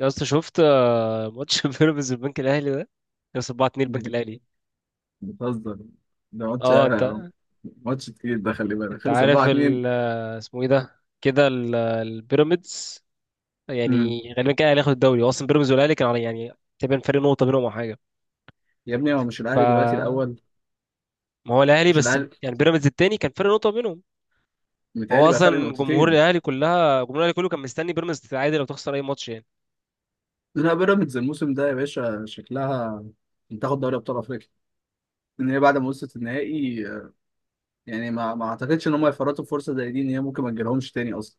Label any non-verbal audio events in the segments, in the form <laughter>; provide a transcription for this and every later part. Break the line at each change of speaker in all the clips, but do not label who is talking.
يا اسطى شفت ماتش <laughs> بيراميدز البنك الاهلي ده. يا اسطى 4-2 البنك
<laughs>
الاهلي.
بتهزر ده. ماتش
اه، انت.
ماتش تقيل ده خلي بالك،
انت
خلص
عارف
4 2.
ال آه، اسمه ايه ده كده البيراميدز.
امم
يعني غالبا كده الاهلي هياخد الدوري. هو اصلا بيراميدز والاهلي كان على، يعني تقريبا فرق نقطه بينهم او حاجه.
يا ابني هو مش الاهلي دلوقتي
ف
الاول؟
ما هو الاهلي،
مش
بس
الاهلي،
يعني بيراميدز التاني كان فرق نقطه بينهم. هو
متهيألي بقى فرق
اصلا
نقطتين.
جمهور الاهلي كله كان مستني بيراميدز تتعادل او تخسر اي ماتش يعني.
لا بيراميدز الموسم ده يا باشا شكلها تاخد دوري ابطال افريقيا، ان هي بعد ما وصلت النهائي يعني ما اعتقدش ان هم يفرطوا في فرصه زي دي ان هي ممكن ما تجيلهمش تاني اصلا.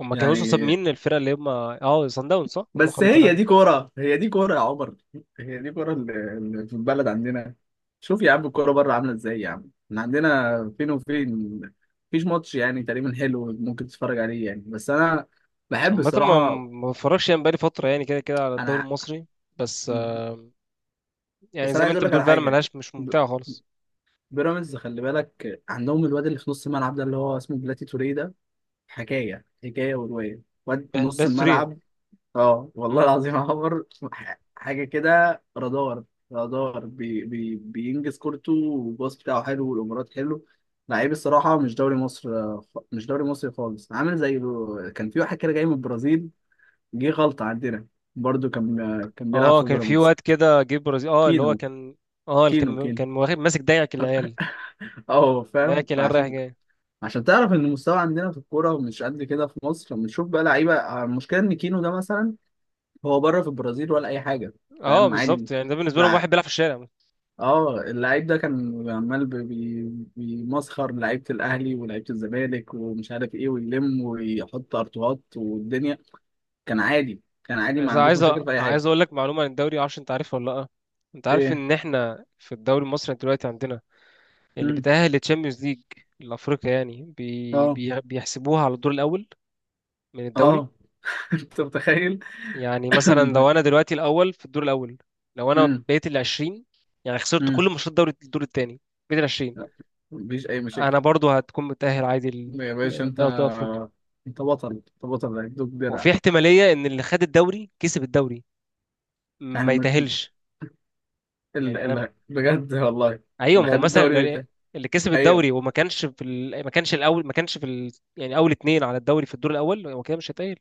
هما كانوا وصلوا قصاد
يعني
مين؟ الفرقه اللي هما اه صن داونز، صح؟ اللي
بس
خرجت.
هي دي كورة، هي دي كورة يا عمر، هي دي كورة اللي في البلد عندنا. شوف يا عم الكورة بره عاملة ازاي يا عم، احنا عندنا فين وفين. مفيش ماتش يعني تقريبا حلو ممكن تتفرج عليه يعني، بس انا بحب
عامة ما
الصراحة.
ما بتفرجش يعني، بقالي فترة يعني، كده كده على الدوري
انا
المصري. بس يعني
بس
زي
انا
ما
عايز
انت
اقول لك
بتقول
على
فعلا،
حاجة.
ملهاش، مش
ب-
ممتعة خالص.
بيراميدز خلي بالك عندهم الواد اللي في نص الملعب ده اللي هو اسمه بلاتي توريه ده، حكاية حكاية ورواية، واد نص
بس تريه.
الملعب. اه والله
مم.
العظيم عمر، حاجه كده رادار. رادار، بي بي بينجز كورته، والباص بتاعه حلو، والامارات حلو. لعيب الصراحه، مش دوري مصر، مش دوري مصري خالص، عامل زي كان في واحد كده جاي من البرازيل، جه غلطه عندنا، برضو كان، كان بيلعب
اه،
في
كان في
بيراميدز.
واد كده جه برازيل، اه اللي هو
كينو
كان. اه، اللي
كينو
كان
كينو،
كان واخد ماسك دايعك العيال.
اه فاهم.
دايعك العيال رايح
عشان
جاي.
عشان تعرف ان المستوى عندنا في الكوره مش قد كده، في مصر بنشوف بقى لعيبه، المشكله ان كينو ده مثلا هو بره في البرازيل ولا اي حاجه.
اه
فاهم
بالظبط،
عادي.
يعني ده بالنسبة لهم واحد بيلعب في الشارع.
اه اللعيب ده كان عمال بيمسخر لعيبه الاهلي ولعيبه الزمالك ومش عارف ايه، ويلم ويحط ارتوهات والدنيا. كان عادي، كان عادي، ما عندوش مشاكل في اي حاجه.
عايز اقول لك معلومة عن الدوري، معرفش انت عارفها ولا لا. انت عارف
ايه؟
ان احنا في الدوري المصري دلوقتي عندنا اللي
امم
بيتأهل للتشامبيونز ليج الافريقيا، يعني
اه
بيحسبوها على الدور الاول من الدوري.
اه، <laughs> انت متخيل.
يعني
<laughs>
مثلا لو
امم،
انا دلوقتي الاول في الدور الاول، لو انا بقيت ال 20، يعني خسرت
امم،
كل ماتشات دوري الدور الثاني، بقيت ال 20،
لا مفيش اي مشاكل.
انا برضو هتكون متأهل عادي
يا باشا انت،
لدوري افريقيا.
انت بطل، انت بطل هيدوك
وفي
درع.
احتمالية ان اللي خد الدوري كسب الدوري
احنا
ما يتأهلش. يعني انا،
بجد والله.
ايوه،
اللي
ما هو
خد
مثلا
الدوري بتاعي؟
اللي كسب
ايوه.
الدوري وما كانش في ما كانش الاول، ما كانش في يعني اول اتنين على الدوري في الدور الاول، هو كده مش هيتأهل.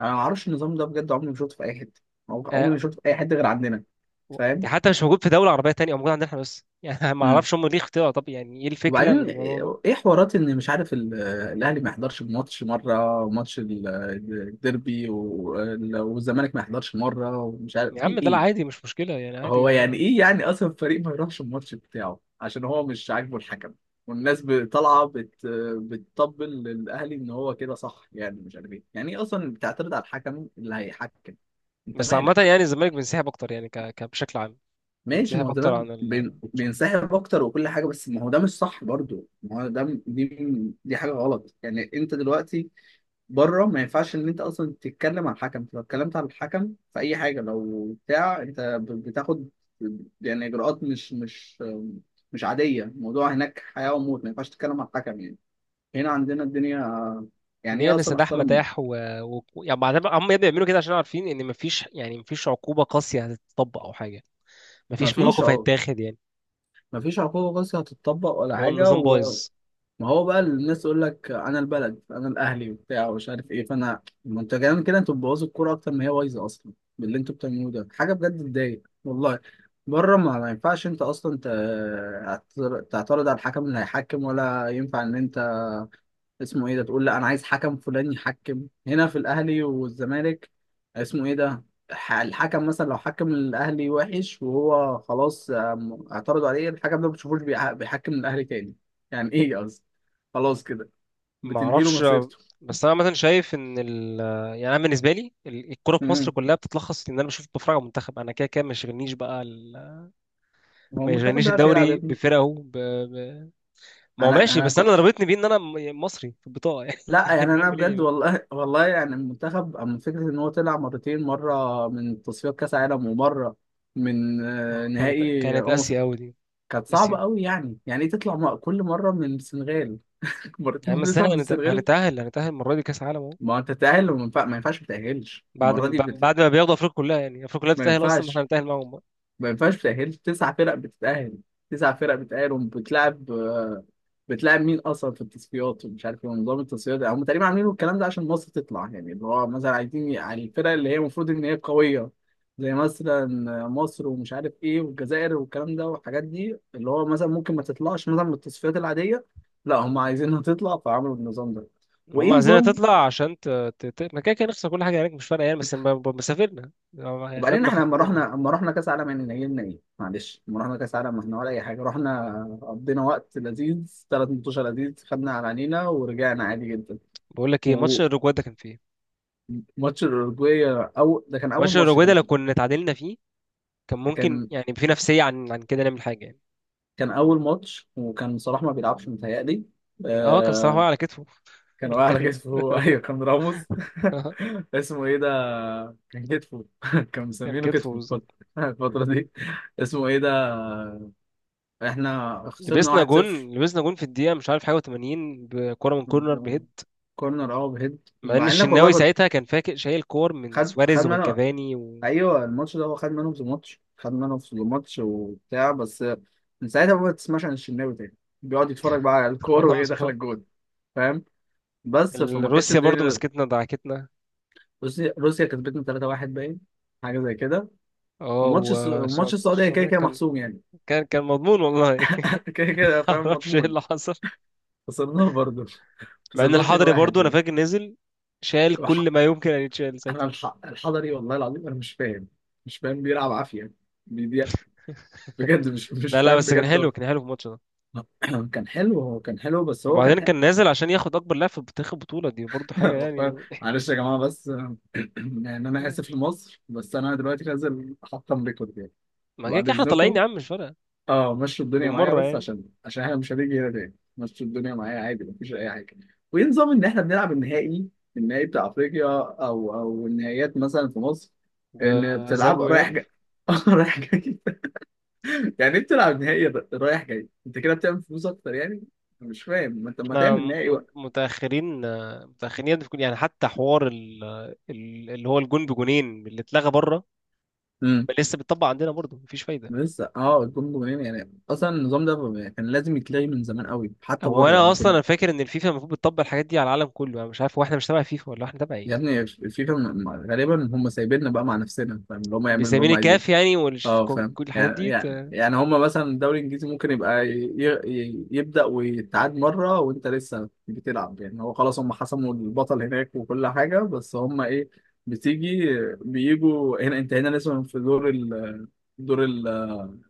انا ما اعرفش النظام ده بجد، عمري ما شفته في اي حته، عمري
آه،
ما شفته في اي حته غير عندنا.
دي
فاهم.
حتى مش موجود في دولة عربية تانية، او موجود عندنا احنا بس <laughs> يعني ما
امم
اعرفش هم ليه اختيار، طب يعني ايه الفكرة من
وبعدين
الموضوع ده.
ايه حوارات ان مش عارف الاهلي ما يحضرش ماتش مره، ماتش الديربي، والزمالك ما يحضرش مره، ومش عارف
يا
في
عم ده لا
ايه.
عادي، مش مشكلة يعني، عادي
هو يعني
ما.
ايه يعني اصلا الفريق ما يروحش الماتش بتاعه عشان هو مش عاجبه الحكم؟ والناس طالعه بتطبل للاهلي ان هو كده صح، يعني مش عارف ايه، يعني ايه اصلا بتعترض على الحكم اللي هيحكم؟ انت
بس عامة يعني
مالك؟
الزمالك بينسحب أكتر يعني، بشكل عام،
ماشي، ما
بينسحب
هو
أكتر
ده
عن الماتشات.
بينسحب اكتر وكل حاجه، بس ما هو ده مش صح برضو، ما هو ده دي حاجه غلط يعني. انت دلوقتي بره ما ينفعش ان انت اصلا تتكلم على الحكم، لو اتكلمت على الحكم في اي حاجه لو بتاع انت بتاخد يعني اجراءات مش عاديه، الموضوع هناك حياه وموت، ما ينفعش تتكلم على الحكم يعني. هنا عندنا الدنيا يعني
الدنيا
ايه اصلا
بنستداح
اختار.
مداح. يعني بعدين هم يا ابني بيعملوا كده عشان عارفين إن مفيش، يعني مفيش عقوبة قاسية هتتطبق أو حاجة،
ما
مفيش
فيش
مواقف
عقوق،
هيتاخد يعني.
ما فيش عقوبه قاسية هتتطبق ولا
هو
حاجه.
النظام بايظ.
ما هو بقى الناس تقول لك انا البلد، انا الاهلي، وبتاع، ومش عارف ايه، فانا، ما انتوا كمان كده، انتوا بتبوظوا الكوره اكتر ما هي بايظه اصلا باللي انتوا بتعملوه ده، حاجه بجد تضايق والله. بره ما ينفعش انت اصلا تعترض على الحكم اللي هيحكم، ولا ينفع ان انت اسمه ايه ده تقول لا انا عايز حكم فلان يحكم هنا في الاهلي والزمالك. اسمه ايه ده؟ الحكم مثلا لو حكم الاهلي وحش وهو خلاص، اعترضوا عليه، الحكم ده ما بتشوفوش بيحكم الاهلي تاني يعني، ايه قصدي، خلاص كده بتنهي له
معرفش.
مسيرته.
بس أنا مثلا شايف إن يعني أنا بالنسبة لي الكورة في مصر
امم
كلها بتتلخص إن أنا بشوف، بتفرج على المنتخب. أنا كده كده ما يشغلنيش بقى
هو
ما
المنتخب
يشغلنيش
بيعرف يلعب يا
الدوري
ابني.
بفرقه ب... ما هو
انا
ماشي،
انا
بس انا
كنت،
ضربتني بيه ان انا يعني مصري في البطاقه يعني
لا
<laughs> يعني
يعني انا
اعمل ايه
بجد
يعني؟
والله <laughs> والله، يعني المنتخب اما فكره ان هو طلع مرتين، مره من تصفيات كاس عالم، ومره من
ما هو كانت
نهائي.
كانت اسيا قوي دي.
كانت صعبة
اسيا.
قوي، يعني يعني ايه تطلع كل مرة من السنغال؟ <laughs>
يعني
مرتين
بس
بتطلع
انا
من
هنت-
السنغال.
هنتاهل هنتاهل المره دي كاس عالم اهو.
ما هو انت تتأهل، ما ينفعش ما تتأهلش
بعد
المرة
ما
دي
بعد ما بياخدوا افريقيا كلها، يعني افريقيا كلها
ما
بتتاهل اصلا، ما احنا
ينفعش.
هنتاهل معاهم بقى.
ما ينفعش تتأهل، تسع فرق بتتأهل، تسع فرق بتتأهل وبتلعب، بتلعب مين أصلا في التصفيات ومش عارف ايه، ونظام التصفيات ده. هم تقريبا عاملين الكلام ده عشان مصر تطلع، يعني اللي هو مثلا عايزين على الفرق اللي هي المفروض إن هي قوية، زي مثلا مصر، ومش عارف ايه، والجزائر، والكلام ده والحاجات دي، اللي هو مثلا ممكن ما تطلعش مثلا من التصفيات العادية، لا هم عايزينها تطلع فعملوا النظام ده.
هم
وإيه
عايزيننا
نظام.
تطلع عشان ما كده كده نخسر كل حاجه هناك، مش فارقه يعني، بس مسافرنا يعني
وبعدين
خدنا
احنا لما رحنا،
خروج.
لما رحنا كاس عالم يعني نيلنا ايه؟ معلش لما رحنا كاس عالم، ما احنا ولا اي حاجه، رحنا قضينا وقت لذيذ، ثلاث ماتشات لذيذ، خدنا على عينينا ورجعنا عادي جدا.
بقول لك ايه، ماتش
وماتش
الاوروجواي ده كان فيه.
الاوروجواي، او ده كان
ماتش
اول ماتش
الاوروجواي ده
كان
لو
فيه،
كنا اتعادلنا فيه كان ممكن
كان،
يعني في نفسيه عن كده نعمل حاجه يعني.
كان اول ماتش وكان صلاح ما بيلعبش متهيألي.
اه كان صلاح واقع
آه
على كتفه.
كان واقع
<laughs>
على
كان.
كتفه. <laughs> ايوه كان راموس.
<laughs>
<laughs> اسمه ايه ده، كان كتفه. <laughs> كان
كان
مسمينه
كتفه
كتفه الفترة.
بالظبط.
<laughs> الفترة دي. اسمه ايه ده. احنا خسرنا
لبسنا
1-0،
جون لبسنا جون في الدقيقة مش عارف حاجة و80، بكرة من كورنر بهيد،
كورنر اه بهيد،
مع إن
مع انك والله
الشناوي
كنت،
ساعتها كان فاكر، شايل كور من
خد خد
سواريز ومن
منه.
كافاني.
ايوه الماتش ده هو خد منه، في الماتش خد منه في الماتش وبتاع، بس من ساعتها بقى ما تسمعش عن الشناوي تاني، بيقعد يتفرج بقى على الكور وهي
وخلاص.
داخله الجون. فاهم. بس فما كانتش
روسيا برضو
الدنيا.
مسكتنا دعكتنا.
روسيا، روسيا كسبتنا 3-1 باين، حاجه زي كده.
اه،
وماتش السعوديه كده
السعودية
كده
كان،
محسوم يعني.
كان مضمون والله
<laughs> كده كده
<laughs>
فاهم
معرفش ايه
مضمون.
اللي حصل.
خسرناه برضه. <laughs>
مع إن
خسرناه
الحضري برضو
2-1
أنا
يعني.
فاكر نزل، شال كل ما
وح-
يمكن أن يتشال
انا
ساعتها.
الحضري والله العظيم انا مش فاهم، مش فاهم بيلعب عافيه، بجد مش
لا لا،
فاهم
بس كان
بجد
حلو، كان حلو في الماتش ده.
والله. <clears throat> كان حلو، هو كان حلو، بس هو كان
وبعدين
حلو.
كان نازل عشان ياخد أكبر لاعب في تاريخ البطولة دي، برضو حاجة
<laughs>
يعني.
معلش يا جماعة بس. <clears throat> يعني أنا آسف لمصر، بس أنا دلوقتي نازل أحطم ريكورد يعني.
ما كده
بعد
كده احنا طالعين يا
إذنكم.
عم، مش فارقة
أه مشوا الدنيا معايا،
بالمرة
بس
يعني.
عشان عشان إحنا مش هنيجي هنا تاني، مشوا الدنيا معايا عادي مفيش أي حاجة. وإيه نظام إن إحنا بنلعب النهائي، النهائي بتاع أفريقيا، أو أو النهائيات مثلا في مصر، إن
بذهاب
بتلعب رايح
وإياب.
جاي. <laughs> رايح جاي. يعني انت بتلعب نهائي رايح جاي، انت كده بتعمل فلوس اكتر يعني. أنا مش فاهم، ما انت ما
احنا
تعمل نهائي بقى.
متأخرين، متأخرين يعني في يعني حتى حوار اللي هو الجون بجونين اللي اتلغى بره،
امم
لسه بيتطبق عندنا برضه، مفيش فايدة.
لسه اه الجون جونين يعني، اصلا النظام ده كان لازم يتلغي من زمان قوي حتى
هو
بره
انا
انا
اصلا
كنت.
انا فاكر ان الفيفا المفروض بتطبق الحاجات دي على العالم كله، انا مش عارف هو احنا مش تبع فيفا ولا احنا تبع ايه.
يا ابني الفيفا غالبا هم سايبيننا بقى مع نفسنا، فاهم، اللي هم يعملوا اللي
بيسمين
هم عايزينه.
الكاف يعني،
اه
كل
فاهم،
كل الحاجات
يعني
دي
يعني يعني هما مثلا الدوري الانجليزي ممكن يبقى يبدأ ويتعاد مرة وانت لسه بتلعب، يعني هو خلاص هما حسموا البطل هناك وكل حاجة، بس هما ايه بتيجي، بيجوا هنا انت هنا لسه في دور ال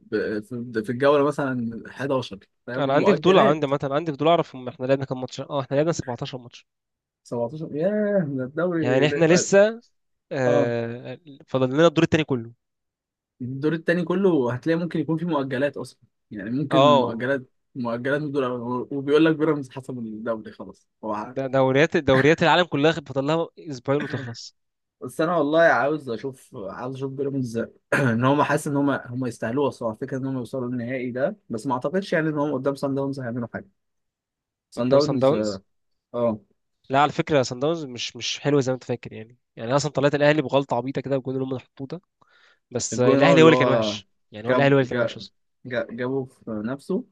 في الجولة مثلا 11، فاهم،
انا عندي فضول، عندي
ومؤجلات.
مثلا، عندي فضول اعرف، هم احنا لعبنا كام ماتش؟ اه احنا لعبنا 17 ماتش
17 ياه ده
يعني،
الدوري.
احنا لسه
اه
آه فاضل لنا الدور التاني كله.
الدور التاني كله، هتلاقي ممكن يكون فيه مؤجلات اصلا، يعني ممكن
اه
مؤجلات، مؤجلات من دول، وبيقول لك بيراميدز حسب الدوري، خلاص هو عارف.
ده دوريات العالم كلها فاضل لها اسبوعين وتخلص.
بس انا والله عاوز اشوف، عاوز اشوف بيراميدز <clears throat> ان هم، حاسس ان هم يستاهلوها الصراحه، فكره ان هم يوصلوا النهائي ده، بس ما اعتقدش يعني ان هم قدام سان داونز هيعملوا حاجه. سان
قدام سان
داونز
داونز.
اه.
لا على فكره، سان داونز مش حلو زي ما انت فاكر يعني أنا اصلا طلعت الاهلي بغلطه عبيطه كده بالجون اللي هم حطوه ده. بس
الجون اه
الاهلي هو
اللي
اللي كان
هو
وحش يعني، هو الاهلي هو اللي
جاب
كان وحش
جاب
اصلا.
جابه في نفسه،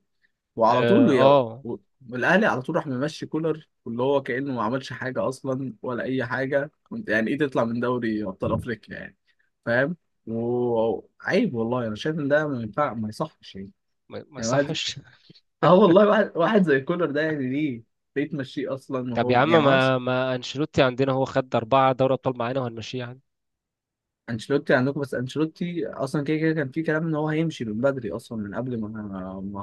وعلى
اه
طول يا و- والاهلي على طول راح ممشي كولر، واللي هو كانه ما عملش حاجه اصلا ولا اي حاجه، وانت يعني ايه تطلع من دوري ابطال افريقيا يعني؟ فاهم. وعيب والله، انا شايف ان ده ما ينفع ما يصحش يعني.
ما
يعني واحد،
صحش.
اه والله واحد، واحد زي كولر ده يعني ليه، ليه تمشيه
<laughs>
اصلا
طب يا
وهو
عم،
يعني ما عملش.
ما انشيلوتي عندنا هو خد اربعه دوري ابطال معانا وهنمشيه يعني.
انشيلوتي عندكم، بس انشيلوتي اصلا كده كده كان في كلام ان هو هيمشي من بدري اصلا من قبل ما، ما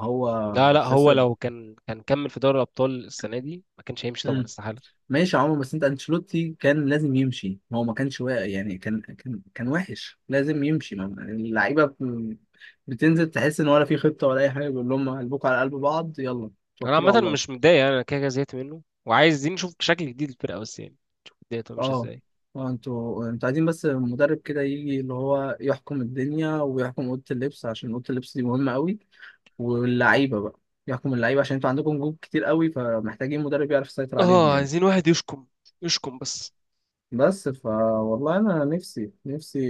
لا
هو
لا، هو
خسر.
لو كان كمل في دوري الابطال السنه دي ما كانش هيمشي طبعا، استحاله.
ماشي يا عمر، بس انت انشيلوتي كان لازم يمشي، هو ما كانش واقع يعني، كان وحش لازم يمشي، ما اللعيبه بتنزل تحس ان ولا في خطه ولا اي حاجه، بيقول لهم قلبكم على قلب بعض يلا
انا
توكلوا على
عامه مش
الله.
متضايق يعني، انا كده كده زهقت منه وعايزين نشوف شكل جديد للفرقه بس يعني. نشوف الدنيا تبقى ماشيه
اه
ازاي.
اه، انتوا عايزين بس مدرب كده يجي اللي هو يحكم الدنيا ويحكم اوضه اللبس، عشان اوضه اللبس دي مهمه قوي، واللعيبه بقى، يحكم اللعيبه، عشان انتوا عندكم جوب كتير قوي، فمحتاجين مدرب يعرف يسيطر عليهم
اه،
يعني.
عايزين واحد يشكم، يشكم بس.
بس فا، والله انا نفسي نفسي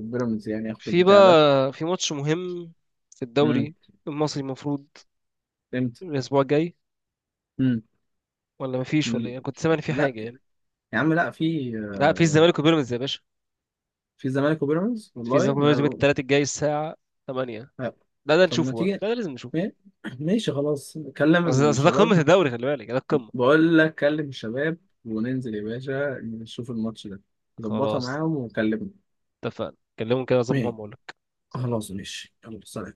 بيراميدز يعني ياخد
في
البتاع ده.
بقى، في ماتش مهم في
امم
الدوري المصري، المفروض
امتى؟
الاسبوع الجاي،
امم
ولا مفيش ولا ايه؟
نل-
أنا كنت سامع ان في
لا
حاجه يعني.
يا عم لا، في،
لا، في الزمالك وبيراميدز يا باشا،
في زمالك وبيراميدز
في
والله،
الزمالك
لا
وبيراميدز يوم التلات الجاي الساعه 8.
لا.
لا ده
طب ما
نشوفه بقى،
تيجي،
لا ده لازم نشوفه.
ما- ماشي خلاص كلم
أصل ده
الشباب.
قمه الدوري، خلي بالك ده القمه.
بقول لك كلم الشباب وننزل يا باشا نشوف الماتش ده، ظبطها
خلاص،
معاهم وكلمني.
اتفقنا. كلمهم كده، اظبط معاهم،
ماشي
اقول لك.
خلاص، ماشي، يلا سلام.